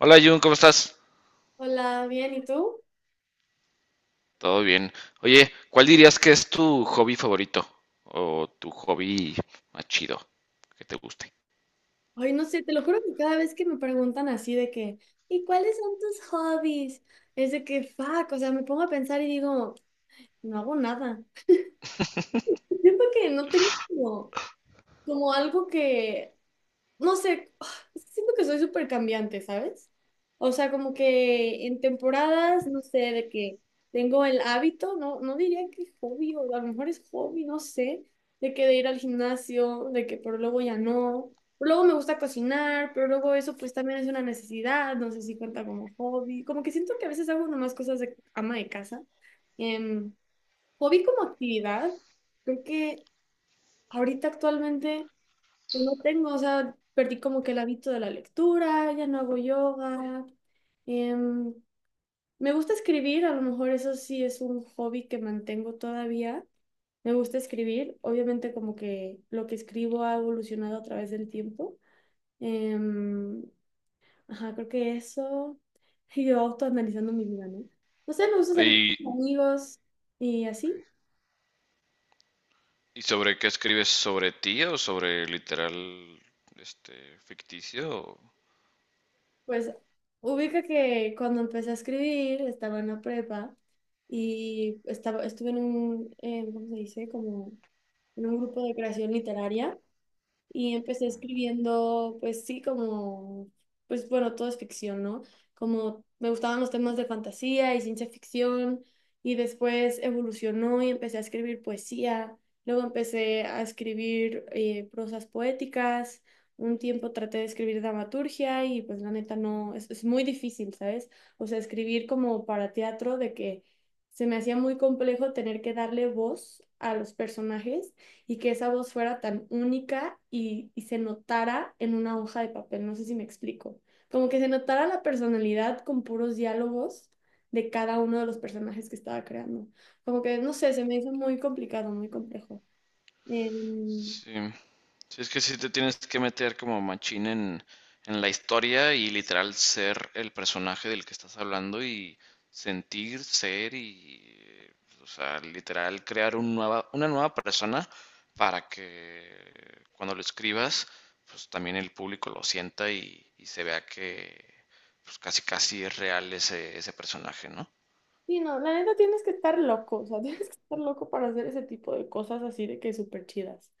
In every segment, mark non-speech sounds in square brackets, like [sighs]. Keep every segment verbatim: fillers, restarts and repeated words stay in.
Hola Jun, ¿cómo estás? Hola, bien, ¿y tú? Todo bien. Oye, ¿cuál dirías que es tu hobby favorito? O tu hobby más chido, que te guste. Ay, no sé, te lo juro que cada vez que me preguntan así de que, ¿y cuáles son tus hobbies? Es de que, fuck, o sea, me pongo a pensar y digo, no hago nada. [laughs] Siento que no tengo como, como algo que, no sé, [sighs] es que siento que soy súper cambiante, ¿sabes? O sea, como que en temporadas, no sé, de que tengo el hábito, no, no diría que hobby, o a lo mejor es hobby, no sé, de que de ir al gimnasio, de que pero luego ya no. Pero luego me gusta cocinar, pero luego eso pues también es una necesidad, no sé si cuenta como hobby. Como que siento que a veces hago nomás cosas de ama de casa. Em, Hobby como actividad, creo que ahorita actualmente... Yo no tengo, o sea, perdí como que el hábito de la lectura, ya no hago yoga. Em, Me gusta escribir, a lo mejor eso sí es un hobby que mantengo todavía. Me gusta escribir, obviamente como que lo que escribo ha evolucionado a través del tiempo. Em, ajá, creo que eso. Y yo autoanalizando mi vida, ¿no? No sé, me gusta salir ¿Y, con amigos y así. y sobre qué escribes? ¿Sobre ti o sobre literal este ficticio? Pues ubica que cuando empecé a escribir estaba en la prepa y estaba, estuve en un, eh, ¿cómo se dice? Como en un grupo de creación literaria y empecé escribiendo, pues sí, como, pues bueno, todo es ficción, ¿no? Como me gustaban los temas de fantasía y ciencia ficción y después evolucionó y empecé a escribir poesía, luego empecé a escribir eh, prosas poéticas, un tiempo traté de escribir dramaturgia y pues la neta no, es, es muy difícil, ¿sabes? O sea, escribir como para teatro de que... Se me hacía muy complejo tener que darle voz a los personajes y que esa voz fuera tan única y, y se notara en una hoja de papel. No sé si me explico. Como que se notara la personalidad con puros diálogos de cada uno de los personajes que estaba creando. Como que, no sé, se me hizo muy complicado, muy complejo. Em, Sí. Sí, es que sí te tienes que meter como machín en, en la historia y literal ser el personaje del que estás hablando y sentir, ser y, o sea, literal crear un nueva, una nueva persona para que cuando lo escribas, pues también el público lo sienta y, y se vea que pues casi casi es real ese, ese personaje, ¿no? sí, no, la neta tienes que estar loco, o sea, [laughs] tienes que estar loco para hacer ese tipo de cosas así de que súper chidas.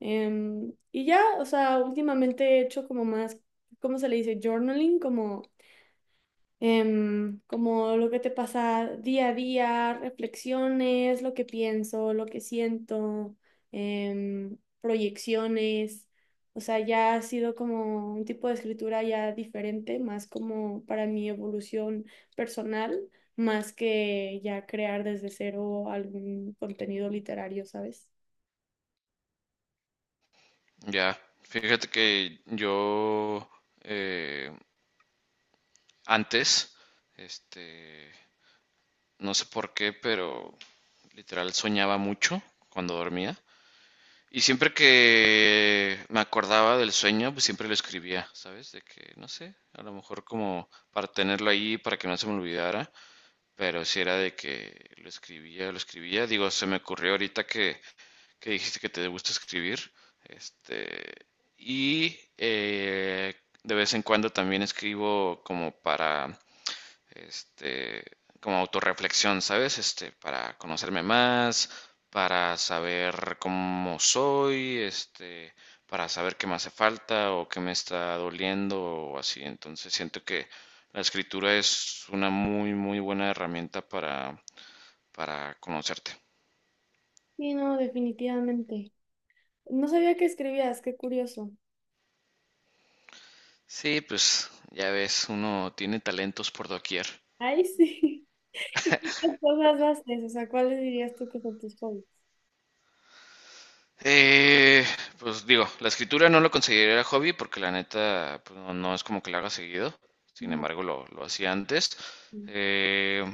Em, y ya, o sea, últimamente he hecho como más, ¿cómo se le dice? Journaling, como em, como lo que te pasa día a día, reflexiones, lo que pienso, lo que siento, em, proyecciones. O sea, ya ha sido como un tipo de escritura ya diferente, más como para mi evolución personal, más que ya crear desde cero algún contenido literario, ¿sabes? Ya, fíjate que yo... eh, Antes, este, no sé por qué, pero literal soñaba mucho cuando dormía. Y siempre que me acordaba del sueño, pues siempre lo escribía, ¿sabes? De que, no sé, a lo mejor como para tenerlo ahí, para que no se me olvidara, pero si era de que lo escribía, lo escribía. Digo, se me ocurrió ahorita que, que dijiste que te gusta escribir, este, y eh, de vez en cuando también escribo como para este, como autorreflexión, ¿sabes? Este, para conocerme más, para saber cómo soy, este, para saber qué me hace falta o qué me está doliendo o así. Entonces siento que la escritura es una muy, muy buena herramienta para, para conocerte. Sí, no, definitivamente. No sabía que escribías, qué curioso. Sí, pues ya ves, uno tiene talentos por doquier. Ay, [laughs] sí. ¿Y cuántas cosas haces? O sea, ¿cuáles dirías tú que son tus hobbies? Eh, pues digo, la escritura no lo consideraría hobby porque la neta pues, no, no es como que la haga seguido. Sin Ajá. embargo, lo, lo hacía antes. Eh,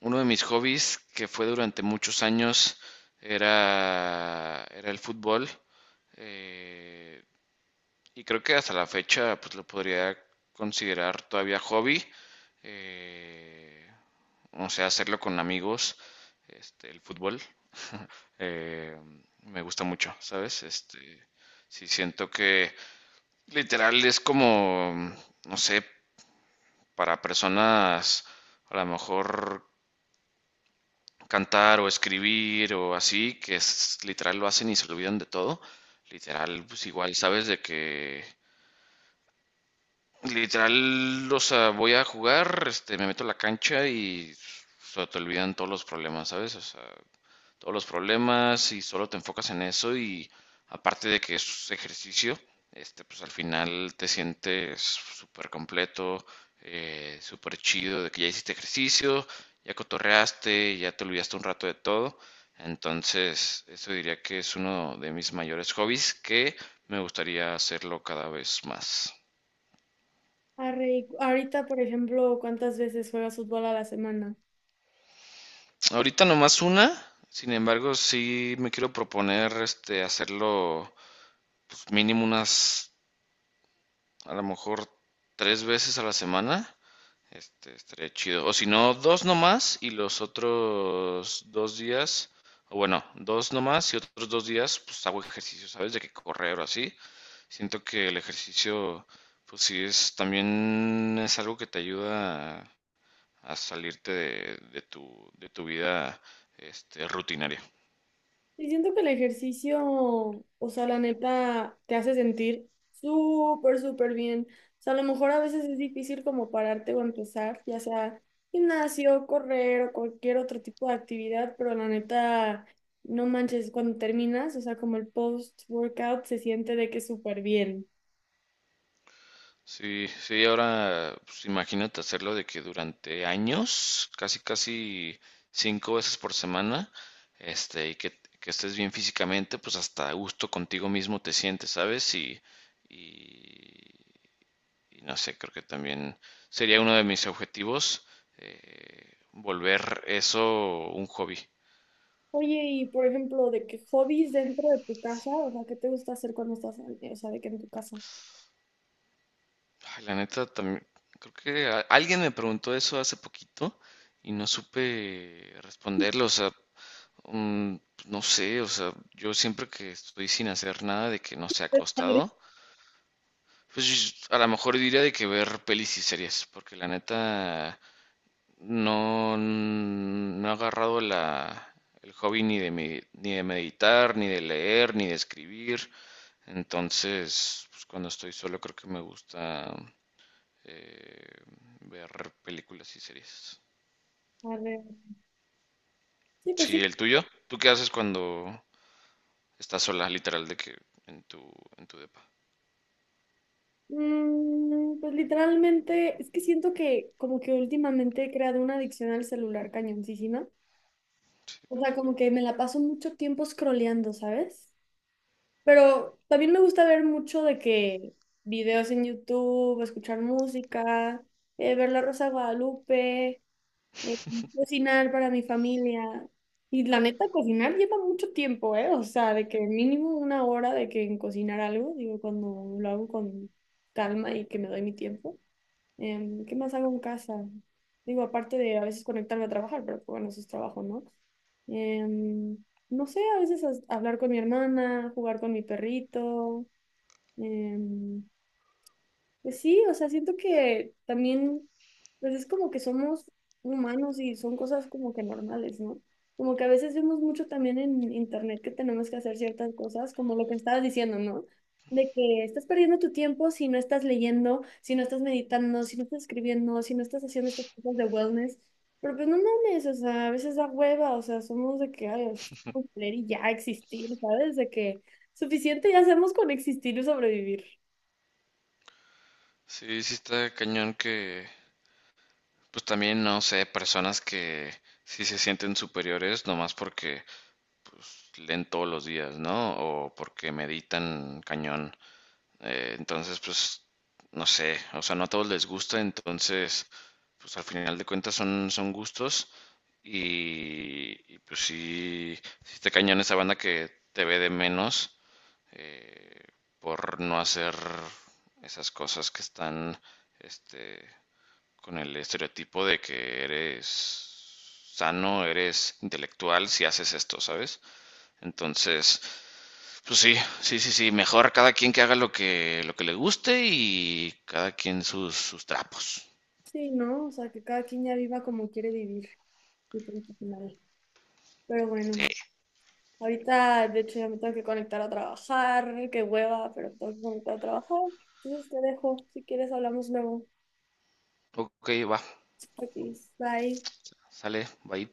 uno de mis hobbies que fue durante muchos años era, era el fútbol. eh, y creo que hasta la fecha pues lo podría considerar todavía hobby. eh, no sé, hacerlo con amigos, este, el fútbol, [laughs] eh, me gusta mucho, ¿sabes? Este, sí siento que literal es como, no sé, para personas a lo mejor cantar o escribir o así, que es, literal lo hacen y se olvidan de todo. Literal, pues igual, sabes de que literal, o sea, voy a jugar, este, me meto a la cancha y se te olvidan todos los problemas, ¿sabes? O sea, todos los problemas y solo te enfocas en eso y aparte de que es ejercicio, este, pues al final te sientes súper completo, eh, súper chido de que ya hiciste ejercicio, ya cotorreaste, ya te olvidaste un rato de todo. Entonces, eso diría que es uno de mis mayores hobbies que me gustaría hacerlo cada vez más. Arre, y cu- ahorita, por ejemplo, ¿cuántas veces juegas fútbol a la semana? Ahorita nomás una, sin embargo, sí me quiero proponer este hacerlo pues, mínimo unas a lo mejor tres veces a la semana. Este, estaría chido. O si no, dos nomás y los otros dos días, o bueno, dos nomás y otros dos días, pues hago ejercicio, ¿sabes? De que correr o así. Siento que el ejercicio, pues sí, es también es algo que te ayuda a, a salirte de, de tu, de tu vida, este, rutinaria. Y siento que el ejercicio, o sea, la neta, te hace sentir súper, súper bien. O sea, a lo mejor a veces es difícil como pararte o empezar, ya sea gimnasio, correr o cualquier otro tipo de actividad, pero la neta, no manches, cuando terminas, o sea, como el post-workout se siente de que súper bien. Sí, sí, ahora pues, imagínate hacerlo de que durante años, casi casi cinco veces por semana, este, y que, que estés bien físicamente, pues hasta a gusto contigo mismo te sientes, ¿sabes? Y, y, y no sé, creo que también sería uno de mis objetivos, eh, volver eso un hobby. Oye, y por ejemplo, de que hobbies dentro de tu casa, o sea, ¿qué te gusta hacer cuando estás, o sea, de que en tu casa? Ay, la neta, también, creo que a- alguien me preguntó eso hace poquito y no supe responderlo, o sea, Mm, no sé, o sea, yo siempre que estoy sin hacer nada de que no sea Padre. acostado, pues yo- a lo mejor diría de que ver pelis y series, porque la neta no, no he agarrado la, el hobby ni de, me- ni de meditar, ni de leer, ni de escribir. Entonces, pues cuando estoy solo creo que me gusta eh, ver películas y series. A ver, sí, pues Sí, sí. el tuyo. ¿Tú qué haces cuando estás sola, literal, de que en tu, en tu depa? Mm, pues literalmente, es que siento que como que últimamente he creado una adicción al celular cañoncísima. Sí, O pues sea, sí. como que me la paso mucho tiempo scrolleando, ¿sabes? Pero también me gusta ver mucho de que videos en YouTube, escuchar música, eh, ver La Rosa de Guadalupe. eh, cocinar para mi familia. Y la neta, cocinar lleva mucho tiempo, ¿eh? O sea, de que mínimo una hora de que en cocinar algo, digo, cuando lo hago con calma y que me doy mi tiempo. Em, ¿qué más hago en casa? Digo, aparte de a veces conectarme a trabajar, pero pues, bueno, eso es trabajo, ¿no? Em, no sé, a veces as- hablar con mi hermana, jugar con mi perrito. em, pues sí, o sea, siento que también, pues es como que somos humanos y son cosas como que normales, ¿no? Como que a veces vemos mucho también en internet que tenemos que hacer ciertas cosas, como lo que estabas diciendo, ¿no? De que estás perdiendo tu tiempo si no estás leyendo, si no estás meditando, si no estás escribiendo, si no estás haciendo estas cosas de wellness. Pero pues no mames, o sea, a veces da hueva, o sea, somos de que, ay, es como leer y ya existir, ¿sabes? De que suficiente ya hacemos con existir y sobrevivir. Sí, sí está cañón que, pues también, no sé, personas que sí se sienten superiores nomás porque pues, leen todos los días, ¿no? O porque meditan cañón. Eh, entonces, pues, no sé, o sea, no a todos les gusta, entonces, pues al final de cuentas son, son gustos y, y, pues sí, sí está cañón esa banda que te ve de menos por no hacer esas cosas que están, este, con el estereotipo de que eres sano, eres intelectual si haces esto, ¿sabes? Entonces, pues sí, sí, sí, sí, mejor cada quien que haga lo que, lo que le guste y cada quien sus, sus trapos. Sí, ¿no? O sea, que cada quien ya viva como quiere vivir y punto final. Pero bueno, Sí. ahorita de hecho ya me tengo que conectar a trabajar, qué hueva, pero tengo que conectar a trabajar. Entonces te dejo, si quieres hablamos luego. Ok, va, Aquí, bye. sale, bye.